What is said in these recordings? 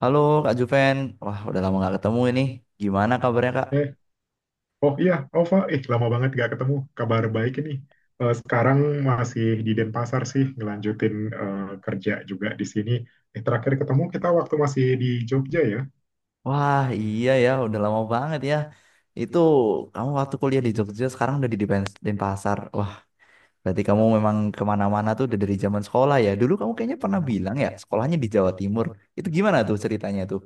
Halo Kak Juven, wah udah lama nggak ketemu ini. Gimana kabarnya Kak? Eh, oh iya, Ova, lama banget gak ketemu. Kabar baik ini. Sekarang masih di Denpasar sih, ngelanjutin eh, kerja juga di sini. Terakhir ketemu kita waktu masih di Jogja ya. Wah iya ya, udah lama banget ya. Itu kamu waktu kuliah di Jogja, sekarang udah di Denpasar. Wah berarti kamu memang kemana-mana tuh udah dari zaman sekolah ya. Dulu kamu kayaknya pernah bilang ya, sekolahnya di Jawa Timur. Itu gimana tuh ceritanya tuh?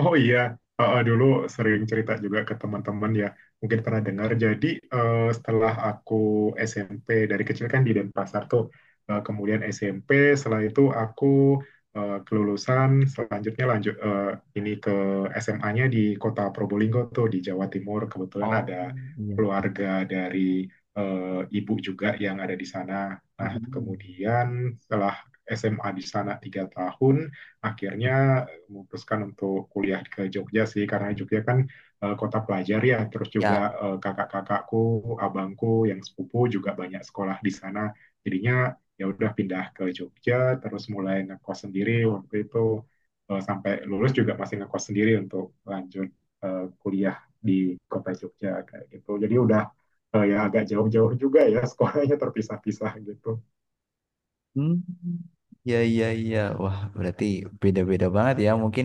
Oh iya. Dulu sering cerita juga ke teman-teman ya, mungkin pernah dengar. Jadi setelah aku SMP dari kecil kan di Denpasar tuh. Kemudian SMP, setelah itu aku kelulusan, selanjutnya lanjut ini ke SMA-nya di Kota Probolinggo tuh di Jawa Timur. Kebetulan ada Oh, iya. keluarga dari ibu juga yang ada di sana. Nah, Mm-mm. kemudian setelah SMA di sana 3 tahun, akhirnya memutuskan untuk kuliah ke Jogja sih karena Jogja kan kota pelajar ya, terus juga Ya. Kakak-kakakku abangku yang sepupu juga banyak sekolah di sana, jadinya ya udah pindah ke Jogja terus mulai ngekos sendiri waktu itu, sampai lulus juga masih ngekos sendiri untuk lanjut kuliah di kota Jogja kayak gitu, jadi udah ya agak jauh-jauh juga ya sekolahnya terpisah-pisah gitu. Hmm, ya iya iya. Wah, berarti beda-beda banget ya mungkin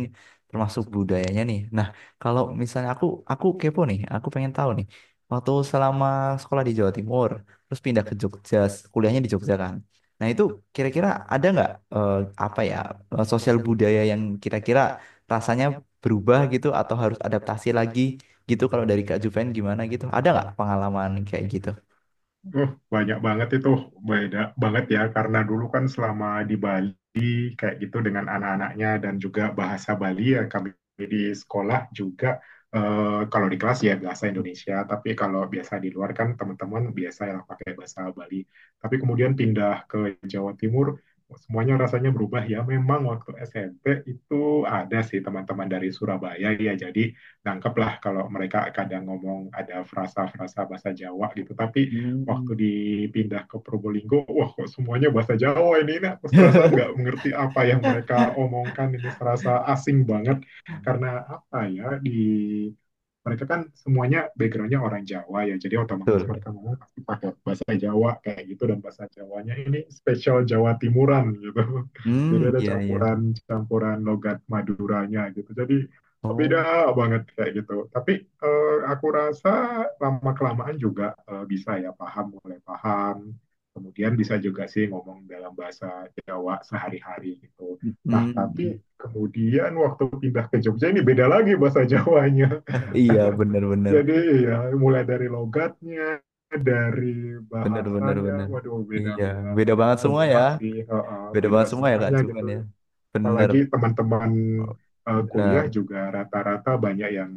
termasuk budayanya nih. Nah, kalau misalnya aku kepo nih, aku pengen tahu nih. Waktu selama sekolah di Jawa Timur, terus pindah ke Jogja, kuliahnya di Jogja kan. Nah, itu kira-kira ada nggak eh, apa ya, sosial budaya yang kira-kira rasanya berubah gitu atau harus adaptasi lagi gitu kalau dari Kak Juven gimana gitu? Ada nggak pengalaman kayak gitu? Banyak banget itu, beda banget ya karena dulu kan selama di Bali Bali kayak gitu dengan anak-anaknya dan juga bahasa Bali ya, kami di sekolah juga kalau di kelas ya bahasa Indonesia, tapi kalau biasa di luar kan teman-teman biasa yang pakai bahasa Bali. Tapi kemudian pindah ke Jawa Timur, semuanya rasanya berubah ya. Memang waktu SMP itu ada sih teman-teman dari Surabaya ya. Jadi nangkep lah kalau mereka kadang ngomong ada frasa-frasa bahasa Jawa gitu. Tapi waktu Hmm. dipindah ke Probolinggo, wah kok semuanya bahasa Jawa ini, aku serasa nggak mengerti apa yang mereka omongkan, ini serasa asing banget, karena apa ya, di mereka kan semuanya backgroundnya orang Jawa ya, jadi otomatis Betul. mereka ngomong pasti pakai bahasa Jawa kayak gitu dan bahasa Jawanya ini spesial Jawa Timuran gitu, Hmm, jadi ada iya iya. campuran campuran logat Maduranya gitu, jadi Oh, beda banget kayak gitu. Tapi aku rasa lama kelamaan juga bisa ya paham, mulai paham. Kemudian bisa juga sih ngomong dalam bahasa Jawa sehari-hari gitu. Nah, mm, tapi kemudian waktu pindah ke Jogja ini beda lagi bahasa Jawanya. iya bener-bener, Jadi ya mulai dari logatnya, dari bener-bener bener. Bener, bahasanya, bener, waduh bener. Iya, beda-beda beda banget semua ya, semua sih, beda beda banget semua ya Kak. semuanya Cuman gitu, ya, bener, apalagi teman-teman kuliah bener juga rata-rata banyak yang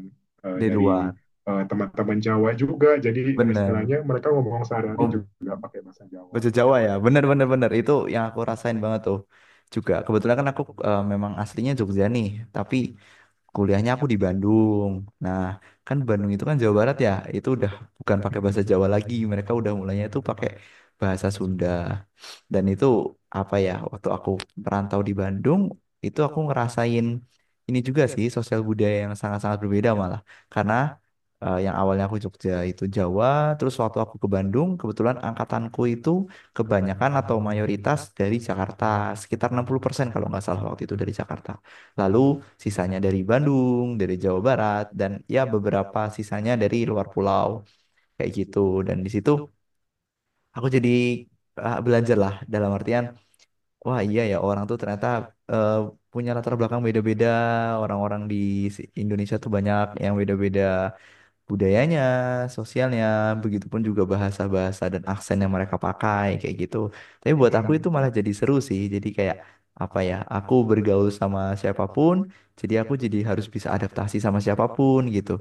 di dari luar, teman-teman Jawa juga. Jadi bener. istilahnya mereka ngomong sehari-hari Oh, juga pakai bahasa Jawa. bahasa Gitu. Jawa ya, bener bener bener itu yang aku rasain banget tuh. Juga kebetulan kan aku memang aslinya Jogja nih, tapi kuliahnya aku di Bandung. Nah, kan Bandung itu kan Jawa Barat ya, itu udah bukan pakai Mm-mm. bahasa Jawa lagi, mereka udah mulainya itu pakai bahasa Sunda. Dan itu apa ya, waktu aku merantau di Bandung, itu aku ngerasain ini juga sih, sosial budaya yang sangat-sangat berbeda malah. Karena yang awalnya aku Jogja itu Jawa, terus waktu aku ke Bandung, kebetulan angkatanku itu kebanyakan atau mayoritas dari Jakarta, sekitar 60% kalau nggak salah waktu itu dari Jakarta. Lalu sisanya dari Bandung, dari Jawa Barat, dan ya beberapa sisanya dari luar pulau, kayak gitu. Dan di situ aku jadi belajar lah dalam artian wah iya ya orang tuh ternyata eh, punya latar belakang beda-beda. Orang-orang di Indonesia tuh banyak yang beda-beda budayanya, sosialnya, begitupun juga bahasa-bahasa dan aksen yang mereka pakai kayak gitu. Tapi buat aku itu malah jadi seru sih. Jadi kayak apa ya, aku bergaul sama siapapun, jadi aku jadi harus bisa adaptasi sama siapapun gitu.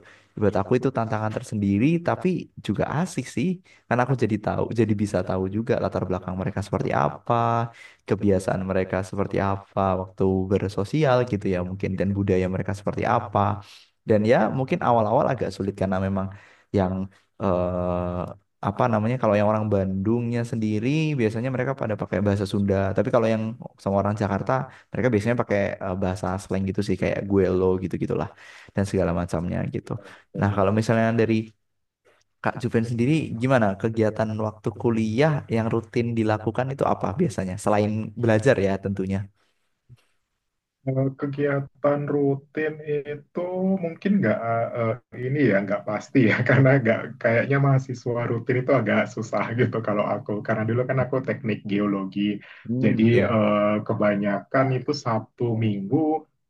Buat aku itu tantangan tersendiri, tapi juga asik sih, karena aku jadi tahu, jadi bisa tahu juga latar belakang mereka seperti apa, kebiasaan mereka seperti apa waktu bersosial gitu ya mungkin dan budaya mereka seperti apa. Dan ya mungkin awal-awal agak sulit karena memang yang apa namanya kalau yang orang Bandungnya sendiri biasanya mereka pada pakai bahasa Sunda. Tapi kalau yang sama orang Jakarta mereka biasanya pakai bahasa slang gitu sih kayak gue lo gitu-gitulah dan segala macamnya gitu. Nah, kalau mm misalnya dari Kak Juven sendiri gimana kegiatan waktu kuliah yang rutin dilakukan itu apa biasanya selain belajar ya tentunya. Kalau kegiatan rutin itu mungkin nggak ini ya nggak pasti ya karena nggak kayaknya mahasiswa rutin itu agak susah gitu kalau aku, karena dulu kan aku teknik geologi, Hmm. jadi Ya, kebanyakan itu Sabtu Minggu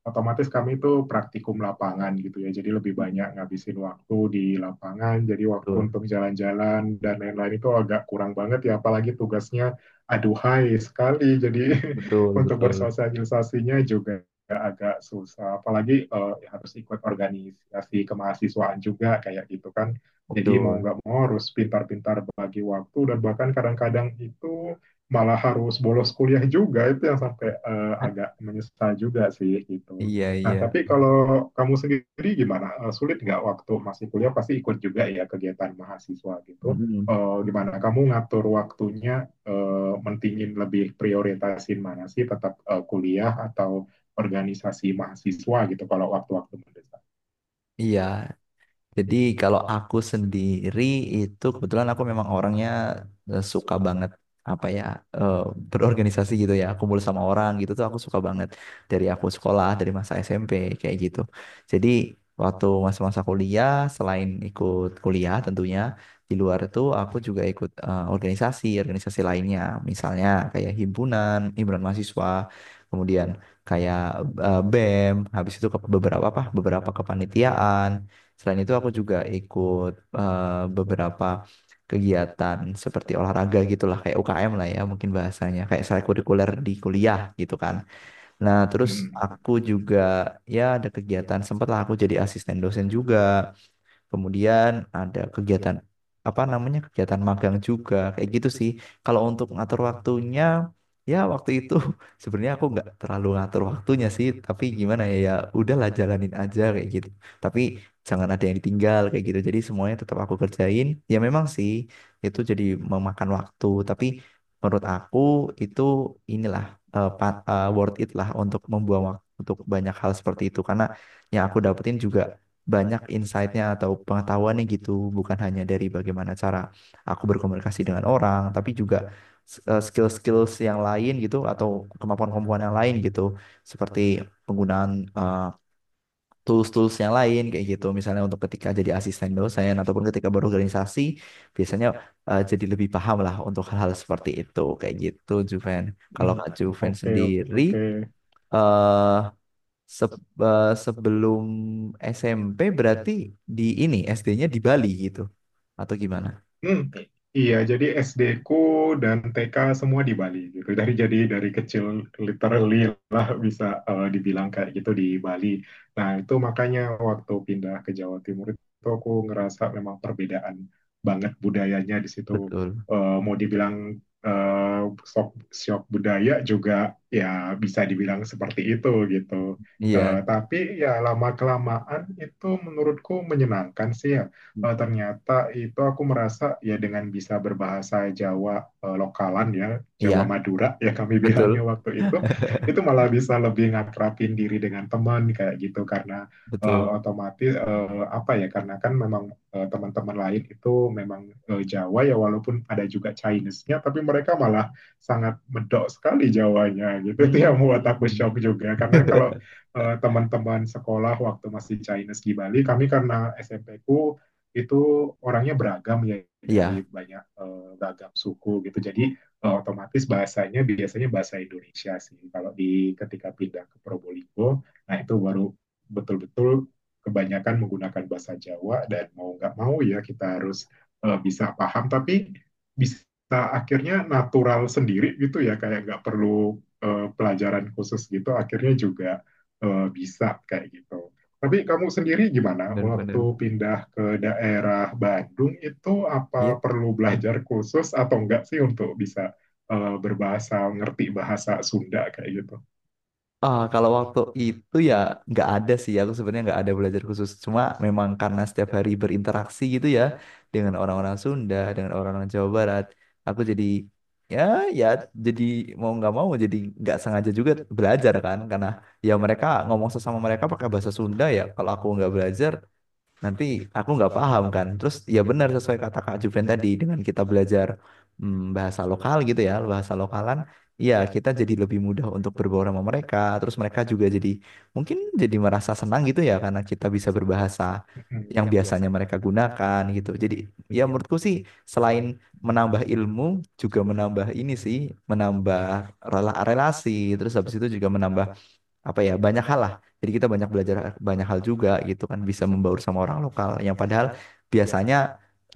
otomatis kami itu praktikum lapangan gitu ya, jadi lebih hmm, banyak ngabisin waktu di lapangan, jadi waktu betul, untuk jalan-jalan dan lain-lain itu agak kurang banget ya, apalagi tugasnya aduhai sekali, jadi betul, untuk betul, bersosialisasinya juga agak susah. Apalagi ya harus ikut organisasi kemahasiswaan juga kayak gitu kan. Jadi mau betul. nggak mau harus pintar-pintar bagi waktu, dan bahkan kadang-kadang itu malah harus bolos kuliah juga, itu yang sampai agak menyesal juga sih gitu. Iya, Nah, iya. tapi kalau kamu sendiri gimana? Sulit nggak waktu masih kuliah pasti ikut juga ya kegiatan mahasiswa gitu. Mm-mm. Gimana kamu ngatur waktunya? Mentingin lebih prioritasin mana sih, tetap kuliah atau organisasi mahasiswa gitu kalau waktu-waktu mendesak. Iya, jadi kalau aku sendiri itu kebetulan aku memang orangnya suka banget apa ya, eh, berorganisasi gitu ya kumpul sama orang gitu tuh aku suka banget dari aku sekolah dari masa SMP kayak gitu. Jadi waktu masa-masa kuliah selain ikut kuliah tentunya di luar itu aku juga ikut organisasi organisasi lainnya misalnya kayak himpunan himpunan mahasiswa kemudian kayak BEM habis itu ke beberapa apa beberapa kepanitiaan. Selain itu aku juga ikut beberapa kegiatan seperti olahraga gitulah kayak UKM lah ya mungkin bahasanya kayak kurikuler di kuliah gitu kan. Nah, terus Hmm, aku betul. juga ya ada kegiatan sempatlah aku jadi asisten dosen juga. Kemudian ada kegiatan apa namanya kegiatan magang juga kayak gitu sih. Kalau untuk ngatur waktunya ya waktu itu sebenarnya aku nggak terlalu ngatur waktunya sih, tapi gimana ya ya udahlah jalanin aja kayak gitu. Tapi jangan ada yang ditinggal kayak gitu. Jadi semuanya tetap aku kerjain. Ya memang sih itu jadi memakan waktu, tapi menurut aku itu inilah worth it lah untuk membuang waktu untuk banyak hal seperti itu karena yang aku dapetin juga banyak insight-nya atau pengetahuannya gitu, bukan hanya dari bagaimana cara aku berkomunikasi dengan orang, tapi juga skill-skills yang lain gitu atau kemampuan-kemampuan yang lain gitu, seperti penggunaan eh, tools-tools yang lain kayak gitu, misalnya untuk ketika jadi asisten dosen ataupun ketika berorganisasi, biasanya jadi lebih paham lah untuk hal-hal seperti itu kayak gitu, Juven. Kalau Hmm. Kak Juven Oke, sendiri oke. eh Se- sebelum SMP berarti di ini SD-nya di Bali gitu atau gimana? Hmm, iya, jadi SD ku dan TK semua di Bali gitu. Jadi dari kecil literally lah bisa dibilang kayak gitu di Bali. Nah, itu makanya waktu pindah ke Jawa Timur itu aku ngerasa memang perbedaan banget budayanya di situ. Betul. Mau dibilang eh shock, shock budaya juga ya, bisa dibilang seperti itu gitu. Iya, Tapi ya lama kelamaan itu menurutku menyenangkan sih ya, ternyata itu aku merasa ya dengan bisa berbahasa Jawa lokalan ya, Jawa iya, Madura ya kami bilangnya betul. waktu itu malah bisa lebih ngakrapin diri dengan teman kayak gitu, karena Betul. otomatis apa ya karena kan memang teman-teman lain itu memang Jawa ya, walaupun ada juga Chinese-nya tapi mereka malah sangat medok sekali Jawanya gitu itu yang membuat aku Hmm. shock juga, karena kalau teman-teman sekolah waktu masih Chinese di Bali, kami karena SMP ku itu orangnya beragam ya, dari Iya, banyak beragam suku gitu. Jadi otomatis bahasanya biasanya bahasa Indonesia sih. Kalau di ketika pindah ke Probolinggo, nah itu baru betul-betul kebanyakan menggunakan bahasa Jawa, dan mau nggak mau ya kita harus bisa paham, tapi bisa akhirnya natural sendiri gitu ya, kayak nggak perlu pelajaran khusus gitu akhirnya juga bisa kayak gitu. Tapi kamu sendiri gimana waktu benar-benar. pindah ke daerah Bandung itu, Iya. apa perlu belajar khusus atau enggak sih untuk bisa berbahasa, ngerti bahasa Sunda kayak gitu? Ah, kalau waktu itu ya nggak ada sih, aku sebenarnya nggak ada belajar khusus. Cuma memang karena setiap hari berinteraksi gitu ya dengan orang-orang Sunda, dengan orang-orang Jawa Barat, aku jadi ya ya jadi mau nggak mau jadi nggak sengaja juga belajar kan, karena ya mereka ngomong sesama mereka pakai bahasa Sunda ya. Kalau aku nggak belajar, nanti aku nggak paham kan terus ya benar sesuai kata Kak Juven tadi dengan kita belajar mm, bahasa lokal gitu ya bahasa lokalan ya kita jadi lebih mudah untuk berbaur sama mereka terus mereka juga jadi mungkin jadi merasa senang gitu ya karena kita bisa berbahasa Mm. yang biasanya mereka gunakan gitu jadi ya menurutku sih selain menambah ilmu juga menambah ini sih menambah relasi terus habis itu juga menambah apa ya banyak hal lah jadi kita banyak belajar banyak hal juga gitu kan bisa membaur sama orang lokal yang padahal biasanya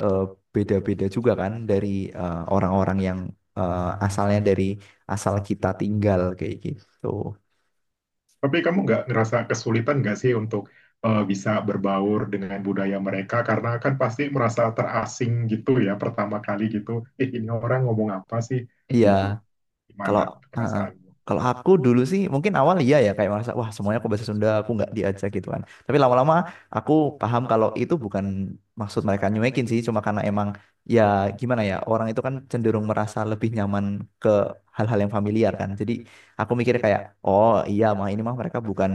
eh, beda-beda juga kan dari orang-orang yang asalnya dari asal kita tinggal kayak gitu. Tapi kamu nggak ngerasa kesulitan nggak sih untuk bisa berbaur dengan budaya mereka, karena kan pasti merasa terasing gitu ya pertama kali gitu. Ini orang ngomong apa sih Iya. gitu? Kalau Gimana uh, uh. perasaanmu? kalau aku dulu sih mungkin awal iya ya kayak merasa wah semuanya aku bahasa Sunda aku nggak diajak gitu kan. Tapi lama-lama aku paham kalau itu bukan maksud mereka nyuekin sih cuma karena emang ya gimana ya orang itu kan cenderung merasa lebih nyaman ke hal-hal yang familiar kan. Jadi aku mikir kayak oh iya mah ini mah mereka bukan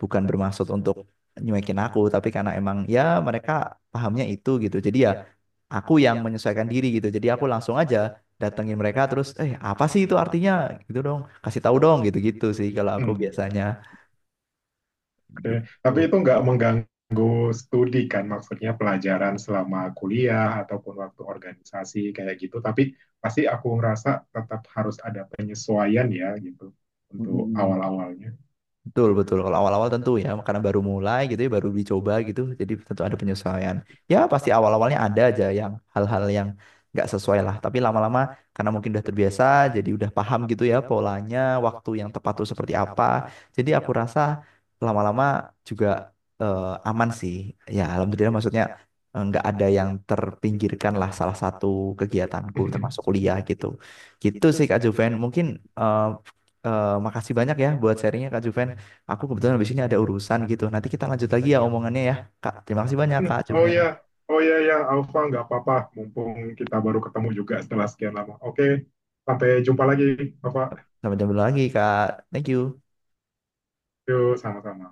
bukan bermaksud untuk nyuekin aku tapi karena emang ya mereka pahamnya itu gitu. Jadi ya aku yang menyesuaikan diri gitu. Jadi aku langsung aja datengin mereka terus eh apa sih itu artinya gitu dong kasih tahu dong gitu-gitu sih kalau aku Hmm. biasanya Oke, tapi itu gitu. nggak mengganggu studi kan, maksudnya pelajaran selama kuliah ataupun waktu organisasi kayak gitu. Tapi pasti aku ngerasa tetap harus ada penyesuaian ya gitu untuk Mm-mm. awal-awalnya. Betul, betul. Kalau awal-awal tentu ya, karena baru mulai gitu ya, baru dicoba gitu, jadi tentu ada penyesuaian. Ya, pasti awal-awalnya ada aja yang hal-hal yang nggak sesuai lah. Tapi lama-lama, karena mungkin udah terbiasa, jadi udah paham gitu ya polanya, waktu yang tepat tuh seperti apa. Jadi aku rasa lama-lama juga eh, aman sih. Ya, alhamdulillah maksudnya nggak ada yang terpinggirkan lah salah satu kegiatanku, termasuk kuliah gitu. Gitu sih Kak Juven. Eh, Makasih banyak ya buat sharingnya Kak Juven. Aku kebetulan habis ini ada urusan gitu. Nanti kita lanjut lagi ya omongannya ya, Kak. Terima kasih banyak, Kak. Cuma Oh ya, oh ya ya, Alfa nggak apa-apa. Mumpung kita baru ketemu juga setelah sekian lama. Oke, sampai jumpa lagi, Alfa. sampai jumpa lagi, Kak. Thank you. Yuk, sama-sama.